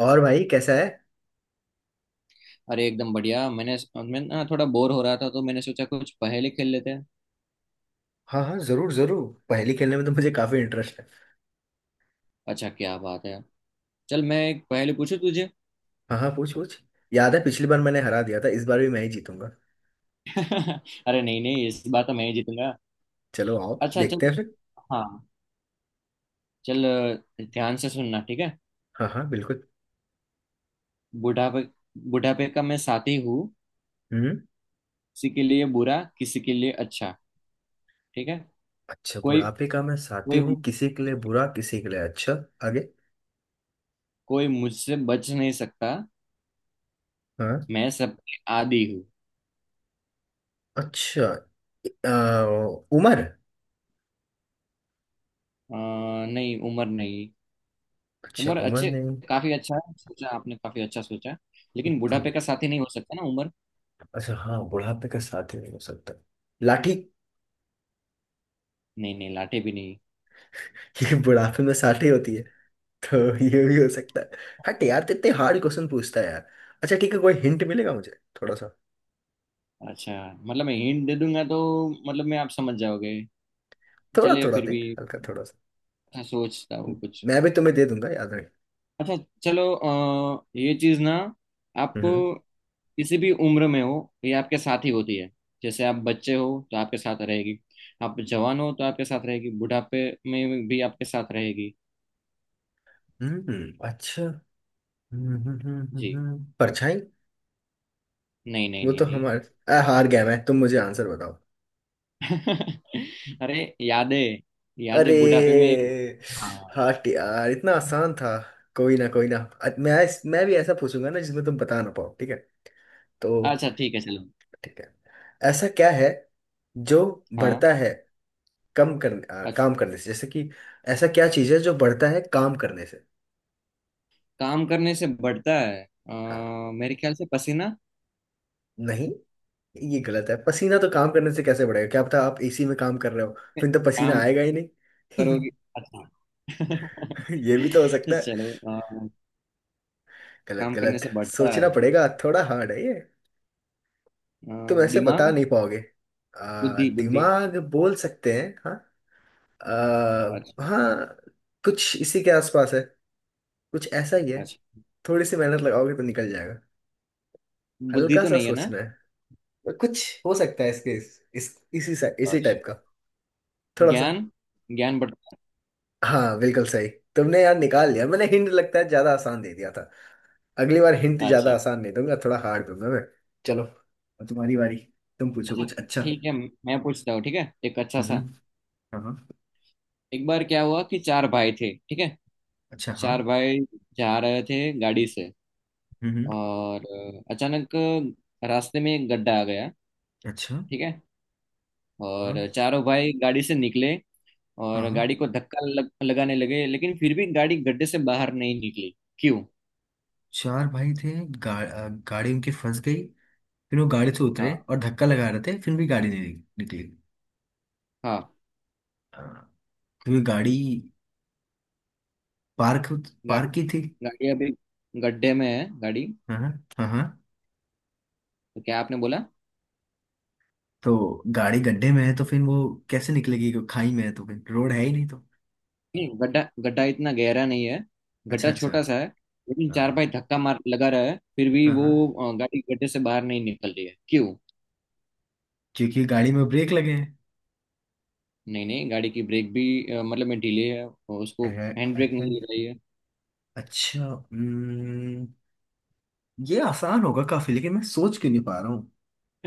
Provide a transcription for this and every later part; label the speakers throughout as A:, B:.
A: और भाई कैसा है।
B: अरे एकदम बढ़िया मैं ना थोड़ा बोर हो रहा था तो मैंने सोचा कुछ पहेली खेल लेते हैं।
A: हाँ हाँ, जरूर जरूर। पहेली खेलने में तो मुझे काफी इंटरेस्ट है।
B: अच्छा क्या बात है। चल मैं एक पहेली पूछूं तुझे।
A: हाँ हाँ, पूछ पूछ। याद है पिछली बार मैंने हरा दिया था, इस बार भी मैं ही जीतूंगा।
B: अरे नहीं नहीं इस बार तो मैं ही जीतूंगा।
A: चलो आओ
B: अच्छा चल।
A: देखते हैं फिर।
B: हाँ। चल ध्यान से सुनना ठीक है।
A: हाँ हाँ बिल्कुल।
B: बुढ़ापे बुढ़ापे का मैं साथी हूँ।
A: हम्म।
B: किसी के लिए बुरा किसी के लिए अच्छा, ठीक है।
A: अच्छा,
B: कोई
A: बुढ़ापे का मैं साथी
B: कोई
A: हूँ, किसी के लिए बुरा किसी के लिए अच्छा। आगे।
B: कोई मुझसे बच नहीं सकता।
A: हाँ।
B: मैं सबके आदी हूँ।
A: अच्छा। आ, उमर।
B: अ, नहीं, उम्र नहीं।
A: अच्छा,
B: उम्र
A: उमर
B: अच्छे,
A: नहीं।
B: काफी अच्छा है, सोचा आपने काफी अच्छा सोचा है। लेकिन बुढ़ापे
A: तो-
B: का साथी नहीं हो सकता ना उम्र।
A: अच्छा हाँ, बुढ़ापे का साथी नहीं हो सकता। लाठी
B: नहीं नहीं, लाटे भी नहीं।
A: ये बुढ़ापे में साथी होती है, तो ये भी हो सकता है। हट यार, तो इतने हार्ड क्वेश्चन पूछता है यार। अच्छा ठीक है, कोई हिंट मिलेगा मुझे थोड़ा सा।
B: अच्छा मतलब मैं हिंट दे दूंगा तो मतलब मैं आप समझ जाओगे।
A: थोड़ा
B: चलिए
A: थोड़ा
B: फिर
A: दे।
B: भी
A: हल्का थोड़ा सा।
B: अच्छा सोचता हूँ कुछ।
A: मैं भी तुम्हें दे दूंगा, याद रहे।
B: अच्छा चलो ये चीज ना, आप
A: हम्म।
B: किसी भी उम्र में हो ये आपके साथ ही होती है। जैसे आप बच्चे हो तो आपके साथ रहेगी, आप जवान हो तो आपके साथ रहेगी, बुढ़ापे में भी आपके साथ रहेगी।
A: अच्छा।
B: जी
A: हम्म। परछाई।
B: नहीं नहीं
A: वो
B: नहीं
A: तो
B: नहीं।
A: हमारे। हार गया मैं, तुम मुझे आंसर बताओ।
B: अरे, यादें,
A: अरे।
B: यादें बुढ़ापे में। हाँ।
A: हट यार, इतना आसान था। कोई ना, कोई ना। मैं। मैं भी ऐसा पूछूंगा ना जिसमें तुम बता ना पाओ, ठीक है। तो
B: अच्छा ठीक है चलो।
A: ठीक है। ऐसा क्या है जो
B: हाँ।
A: बढ़ता है
B: अ-
A: काम करने से, जैसे कि। ऐसा क्या चीज़ है जो बढ़ता है काम करने से।
B: काम करने से बढ़ता है
A: हाँ।
B: मेरे ख्याल से पसीना।
A: नहीं, ये गलत है, पसीना तो काम करने से कैसे बढ़ेगा, क्या पता आप एसी में काम कर रहे हो, फिर तो पसीना
B: काम
A: आएगा ही नहीं।
B: करोगे, अच्छा।
A: ये भी तो हो सकता है।
B: चलो
A: गलत
B: काम करने
A: गलत।
B: से बढ़ता
A: सोचना
B: है
A: पड़ेगा, थोड़ा हार्ड है ये। तुम ऐसे बता
B: दिमाग,
A: नहीं पाओगे।
B: बुद्धि बुद्धि।
A: दिमाग बोल सकते हैं हाँ।
B: अच्छा
A: हाँ। कुछ इसी के आसपास है। कुछ ऐसा ही है।
B: अच्छा,
A: थोड़ी सी मेहनत लगाओगे तो निकल जाएगा।
B: बुद्धि
A: हल्का
B: तो
A: सा
B: नहीं है ना।
A: सोचना है। कुछ हो सकता है इसके इस इसी इसी
B: अच्छा
A: टाइप का। थोड़ा सा।
B: ज्ञान, ज्ञान बढ़ता
A: हाँ बिल्कुल सही। तुमने यार निकाल लिया, मैंने हिंट लगता है ज्यादा आसान दे दिया था। अगली बार हिंट
B: है।
A: ज्यादा
B: अच्छा,
A: आसान नहीं दूंगा, थोड़ा हार्ड दूंगा मैं। चलो, अब तुम्हारी बारी। तुम पूछो
B: अच्छा
A: कुछ अच्छा।
B: ठीक है मैं पूछता हूँ, ठीक है, एक अच्छा सा।
A: हम्म। हाँ हाँ।
B: एक बार क्या हुआ कि चार भाई थे, ठीक है,
A: अच्छा हाँ।
B: चार भाई जा रहे थे गाड़ी से,
A: हम्म।
B: और अचानक रास्ते में एक गड्ढा आ गया,
A: अच्छा।
B: ठीक है, और
A: हाँ
B: चारों भाई गाड़ी से निकले
A: हाँ।
B: और
A: हाँ।
B: गाड़ी को लगाने लगे, लेकिन फिर भी गाड़ी गड्ढे से बाहर नहीं निकली, क्यों?
A: चार भाई थे गाड़ी उनकी फंस गई। फिर वो गाड़ी से उतरे
B: हाँ
A: और धक्का लगा रहे थे फिर भी गाड़ी नहीं निकली।
B: हाँ।
A: हाँ, क्योंकि गाड़ी पार्क।
B: गाड़ी,
A: पार्क की थी।
B: गाड़ी अभी गड्ढे में है गाड़ी।
A: हाँ हाँ हाँ।
B: तो क्या आपने बोला?
A: तो गाड़ी गड्ढे में है तो फिर वो कैसे निकलेगी, क्यों- खाई में है तो फिर रोड है ही नहीं तो।
B: नहीं गड्ढा, गड्ढा इतना गहरा नहीं है,
A: अच्छा
B: गड्ढा
A: अच्छा।
B: छोटा सा है, लेकिन चार
A: हाँ
B: भाई धक्का मार लगा रहा है फिर भी
A: हाँ
B: वो
A: हाँ।
B: गाड़ी गड्ढे से बाहर नहीं निकल रही है, क्यों?
A: क्योंकि गाड़ी में ब्रेक लगे हैं।
B: नहीं नहीं, गाड़ी की ब्रेक भी मतलब मैं ढीले है और उसको
A: अरे।
B: हैंड ब्रेक
A: अच्छा।
B: नहीं लग रही है।
A: अच्छा ये आसान होगा काफी लेकिन मैं सोच क्यों नहीं पा रहा हूँ।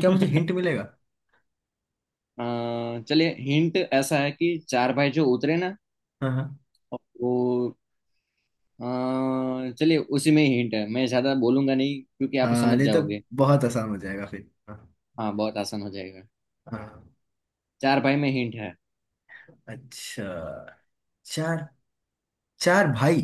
A: क्या मुझे हिंट मिलेगा।
B: चलिए, हिंट ऐसा है कि चार भाई जो उतरे ना
A: हाँ हाँ।
B: वो चलिए, उसी में ही हिंट है, मैं ज्यादा बोलूंगा नहीं क्योंकि आप
A: हाँ
B: समझ
A: नहीं तो
B: जाओगे।
A: बहुत आसान हो जाएगा फिर, हाँ।
B: हाँ बहुत आसान हो जाएगा।
A: हाँ।
B: चार भाई में हिंट है।
A: अच्छा। चार। चार भाई।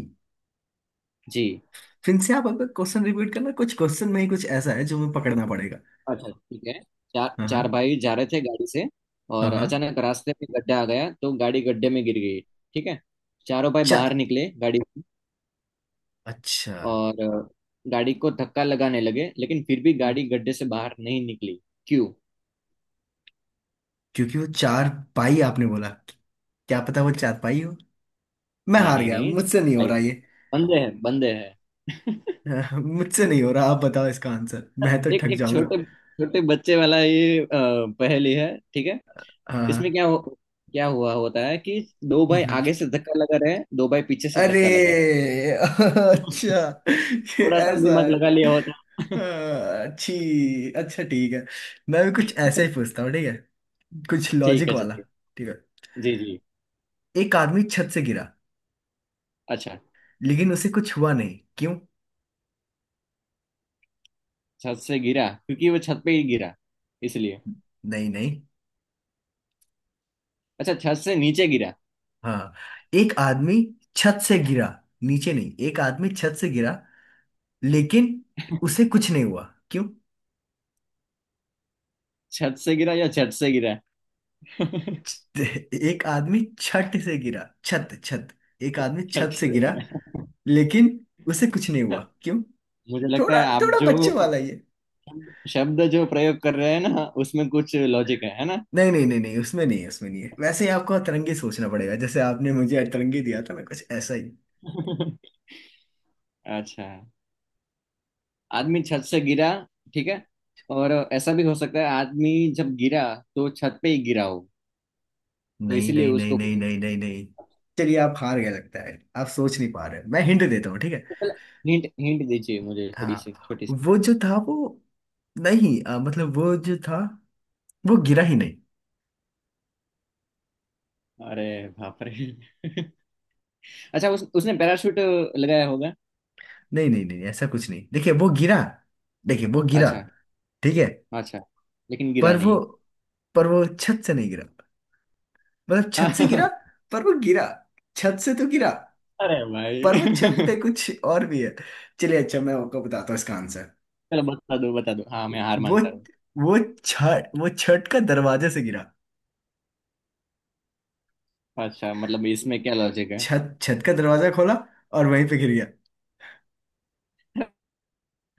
B: जी।
A: फिर से आप अगर क्वेश्चन रिपीट करना, कुछ क्वेश्चन में ही कुछ ऐसा है जो मैं पकड़ना पड़ेगा।
B: अच्छा ठीक है। चार,
A: हाँ
B: चार
A: हाँ।
B: भाई जा रहे थे गाड़ी से,
A: हाँ
B: और
A: हाँ।
B: अचानक रास्ते में गड्ढा आ गया तो गाड़ी गड्ढे में गिर गई, ठीक है। चारों भाई बाहर
A: चार।
B: निकले गाड़ी,
A: अच्छा।
B: और गाड़ी को धक्का लगाने लगे, लेकिन फिर भी गाड़ी गड्ढे से बाहर नहीं निकली, क्यों?
A: क्योंकि वो चार पाई आपने बोला, क्या पता वो चार पाई हो। मैं
B: नहीं
A: हार
B: नहीं
A: गया,
B: नहीं,
A: मुझसे नहीं हो
B: भाई
A: रहा ये।
B: बंदे हैं बंदे हैं।
A: मुझसे नहीं हो रहा, आप बताओ इसका आंसर, मैं तो
B: एक
A: ठक
B: एक
A: जाऊंगा।
B: छोटे छोटे बच्चे वाला ये पहेली है, ठीक है। इसमें
A: हाँ।
B: क्या हुआ होता है कि दो भाई
A: हम्म।
B: आगे से धक्का लगा रहे हैं, दो भाई पीछे से
A: अरे।
B: धक्का लगा रहे हैं।
A: अच्छा। ये
B: थोड़ा सा
A: ऐसा
B: दिमाग
A: है।
B: लगा लिया होता।
A: हाँ, अच्छी, अच्छा ठीक है। मैं भी कुछ ऐसा ही पूछता हूँ, ठीक है। कुछ
B: ठीक
A: लॉजिक
B: है
A: वाला।
B: चलिए।
A: ठीक है।
B: जी जी।
A: एक आदमी छत से गिरा,
B: अच्छा,
A: लेकिन उसे कुछ हुआ नहीं, क्यों।
B: छत से गिरा क्योंकि वो छत पे ही गिरा इसलिए।
A: नहीं नहीं।
B: अच्छा छत से नीचे गिरा।
A: हाँ। एक आदमी छत से गिरा नीचे नहीं, एक आदमी छत से गिरा लेकिन उसे कुछ नहीं हुआ, क्यों।
B: छत से गिरा या छत से गिरा?
A: एक आदमी छत से गिरा, छत छत। एक आदमी
B: छत
A: छत से
B: से
A: गिरा
B: गिरा।
A: लेकिन उसे कुछ नहीं हुआ, क्यों।
B: मुझे लगता
A: थोड़ा
B: है आप
A: थोड़ा
B: जो
A: बच्चों वाला ये।
B: शब्द जो प्रयोग कर रहे हैं ना उसमें कुछ लॉजिक है ना?
A: नहीं नहीं नहीं नहीं, उसमें नहीं है उसमें नहीं है, वैसे ही आपको अतरंगी सोचना पड़ेगा, जैसे आपने मुझे अतरंगी दिया था मैं कुछ ऐसा ही।
B: अच्छा, आदमी छत से गिरा, ठीक है, और ऐसा भी हो सकता है आदमी जब गिरा तो छत पे ही गिरा हो, तो
A: नहीं
B: इसीलिए
A: नहीं नहीं
B: उसको।
A: नहीं नहीं नहीं नहीं। चलिए आप हार गए लगता है, आप सोच नहीं पा रहे, मैं हिंट देता हूँ ठीक है।
B: हिंट, हिंट दीजिए मुझे, थोड़ी सी
A: हाँ।
B: छोटी सी।
A: वो जो था वो, नहीं मतलब वो जो था, वो गिरा ही नहीं।
B: अरे बाप रे। अच्छा उसने पैराशूट लगाया होगा।
A: नहीं नहीं नहीं ऐसा कुछ नहीं, देखिए वो गिरा। देखिए वो गिरा।
B: अच्छा
A: ठीक है।
B: अच्छा, लेकिन गिरा
A: पर वो,
B: नहीं।
A: पर वो छत से नहीं गिरा। मतलब छत से गिरा
B: हाँ।
A: पर वो गिरा, छत से तो गिरा।
B: अरे
A: पर वो छत
B: भाई।
A: पे कुछ और भी है। चलिए अच्छा मैं आपको बताता हूँ इसका आंसर।
B: चलो बता दो बता दो, हाँ मैं हार
A: वो
B: मानता हूँ।
A: वो छत, वो छत का दरवाजे से गिरा।
B: अच्छा मतलब इसमें क्या लॉजिक है?
A: छत, छत का दरवाजा खोला और वहीं पे गिर गया।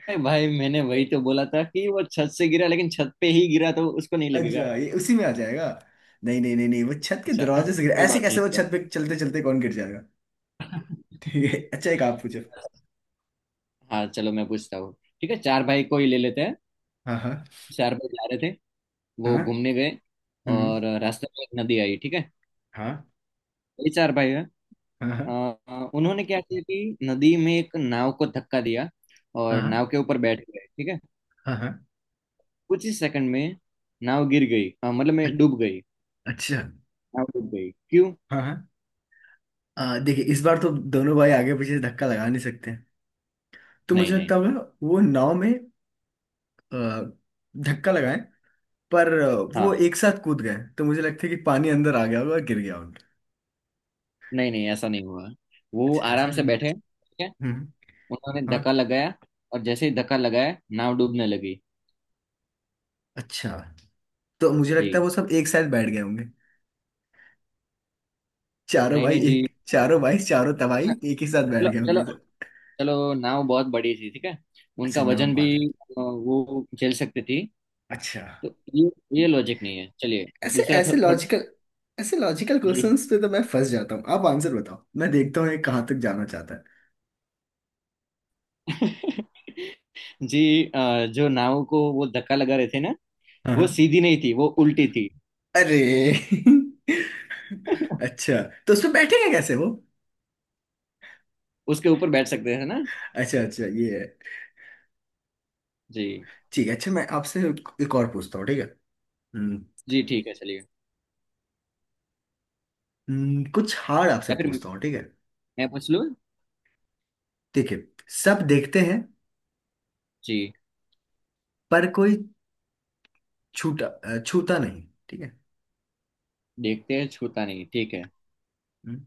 B: अरे भाई, मैंने वही तो बोला था कि वो छत से गिरा लेकिन छत पे ही गिरा तो उसको नहीं लगेगा।
A: अच्छा ये उसी में आ जाएगा। नहीं नहीं नहीं नहीं, वो छत के
B: अच्छा।
A: दरवाजे से गिर,
B: कोई
A: ऐसे
B: बात नहीं
A: कैसे वो
B: इसका।
A: छत पे चलते चलते कौन गिर जाएगा। ठीक है अच्छा, एक आप पूछो।
B: हाँ चलो मैं पूछता हूँ, ठीक है, चार भाई को ही ले लेते हैं।
A: हाँ हाँ।
B: चार भाई जा रहे थे, वो
A: हाँ।
B: घूमने गए,
A: हम्म।
B: और रास्ते में एक नदी आई, ठीक है,
A: हाँ
B: ये चार भाई है।
A: हाँ। हाँ
B: उन्होंने क्या किया कि नदी में एक नाव को धक्का दिया और
A: हाँ।
B: नाव के ऊपर बैठ गए, ठीक है।
A: हाँ। हाँ,
B: कुछ ही सेकंड में नाव गिर गई, हाँ मतलब मैं डूब गई,
A: अच्छा।
B: नाव डूब गई, क्यों?
A: हाँ हाँ। देखिए इस बार तो दोनों भाई आगे पीछे से धक्का लगा नहीं सकते हैं, तो
B: नहीं
A: मुझे
B: नहीं।
A: लगता होगा वो नाव में आ, धक्का लगाए, पर वो
B: हाँ।
A: एक साथ कूद गए तो मुझे लगता है कि पानी अंदर आ गया होगा और गिर गया होगा।
B: नहीं नहीं ऐसा नहीं हुआ, वो
A: अच्छा ऐसा
B: आराम
A: भी
B: से
A: नहीं।
B: बैठे, ठीक है।
A: हम्म।
B: उन्होंने
A: हाँ।
B: धक्का लगाया, और जैसे ही धक्का लगाया नाव डूबने लगी।
A: अच्छा। तो मुझे लगता है
B: जी
A: वो सब एक साथ बैठ गए होंगे। चारों
B: नहीं
A: भाई
B: नहीं जी।
A: एक, चारों भाई चारों तबाही एक ही साथ बैठ
B: चलो
A: गए
B: चलो।
A: होंगे सर।
B: चलो नाव बहुत बड़ी थी, ठीक है,
A: अच्छा
B: उनका
A: नाम
B: वजन भी
A: बहुत है।
B: वो झेल सकती थी।
A: अच्छा।
B: तो ये लॉजिक नहीं है, चलिए।
A: ऐसे
B: दूसरा
A: ऐसे
B: थोड़ा।
A: लॉजिकल। ऐसे लॉजिकल
B: जी।
A: क्वेश्चंस पे तो मैं फंस जाता हूँ, आप आंसर बताओ मैं देखता हूँ ये कहाँ तक जाना चाहता है।
B: जी जो नाव को वो धक्का लगा रहे थे ना,
A: हाँ
B: वो
A: हाँ।
B: सीधी नहीं थी, वो उल्टी थी,
A: अरे। अच्छा। तो उसमें बैठेंगे कैसे वो।
B: उसके ऊपर बैठ सकते हैं ना।
A: अच्छा अच्छा ये है।
B: जी
A: ठीक है अच्छा, मैं आपसे एक और पूछता हूँ ठीक है। हम्म।
B: जी ठीक है चलिए।
A: कुछ हार्ड आपसे
B: या फिर
A: पूछता हूँ ठीक है।
B: मैं पूछ लूँ।
A: ठीक है। सब देखते हैं
B: जी।
A: पर कोई छूता नहीं। ठीक है।
B: देखते हैं, छूता नहीं, ठीक है,
A: हम्म,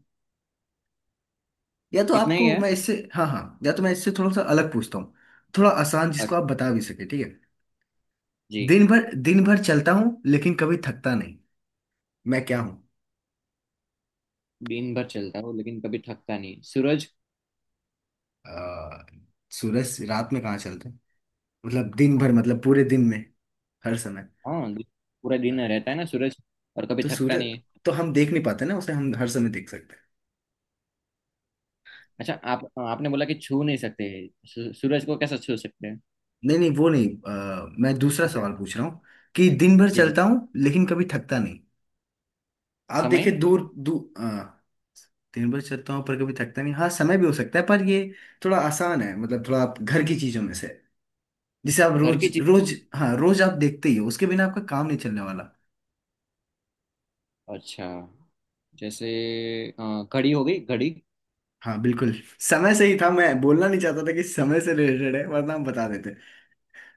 A: या तो
B: इतना ही
A: आपको
B: है।
A: मैं इससे, हाँ हाँ या तो मैं इससे थोड़ा सा अलग पूछता हूँ। थोड़ा आसान जिसको
B: और
A: आप बता भी सके, ठीक है।
B: जी।
A: दिन भर चलता हूँ लेकिन कभी थकता नहीं, मैं क्या हूँ।
B: दिन भर चलता है वो लेकिन कभी थकता नहीं, सूरज।
A: अ, सूरज रात में कहाँ चलता है, मतलब दिन भर मतलब पूरे दिन में, हर समय।
B: हाँ पूरा दिन
A: हाँ,
B: रहता है ना सूरज, और कभी
A: तो
B: थकता
A: सूरज,
B: नहीं।
A: तो हम देख नहीं पाते ना उसे, हम हर समय देख सकते हैं।
B: अच्छा आप आपने बोला कि छू नहीं सकते, सूरज को कैसे छू सकते हैं?
A: नहीं नहीं वो नहीं, मैं दूसरा
B: अच्छा।
A: सवाल पूछ रहा हूँ, कि दिन भर
B: जी जी।
A: चलता हूँ लेकिन कभी थकता नहीं। आप देखिए
B: समय।
A: दूर दूर। हाँ, दिन भर चलता हूँ पर कभी थकता नहीं, हाँ समय भी हो सकता है पर ये थोड़ा आसान है, मतलब थोड़ा आप घर की चीजों में से, जिसे आप
B: घर
A: रोज
B: की चीज,
A: रोज, हाँ रोज आप देखते ही हो, उसके बिना आपका काम नहीं चलने वाला।
B: अच्छा, जैसे घड़ी हो गई, घड़ी।
A: हाँ बिल्कुल। समय से ही था, मैं बोलना नहीं चाहता था कि समय से रिलेटेड है वरना हम बता देते।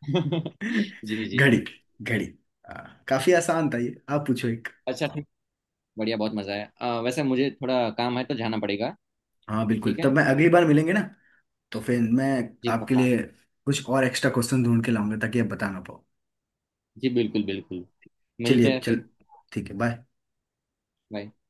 B: जी जी।
A: घड़ी। घड़ी। हाँ, काफी आसान था ये, आप पूछो एक।
B: अच्छा ठीक। बढ़िया, बहुत मजा है, वैसे मुझे थोड़ा काम है तो जाना पड़ेगा।
A: हाँ
B: ठीक
A: बिल्कुल,
B: है।
A: तब मैं, अगली बार मिलेंगे ना, तो फिर मैं
B: जी
A: आपके
B: पक्का।
A: लिए कुछ और एक्स्ट्रा क्वेश्चन ढूंढ के लाऊंगा ताकि आप बता ना पाओ।
B: जी बिल्कुल बिल्कुल।
A: चलिए
B: मिलते हैं फिर।
A: चल, ठीक है बाय।
B: बाय।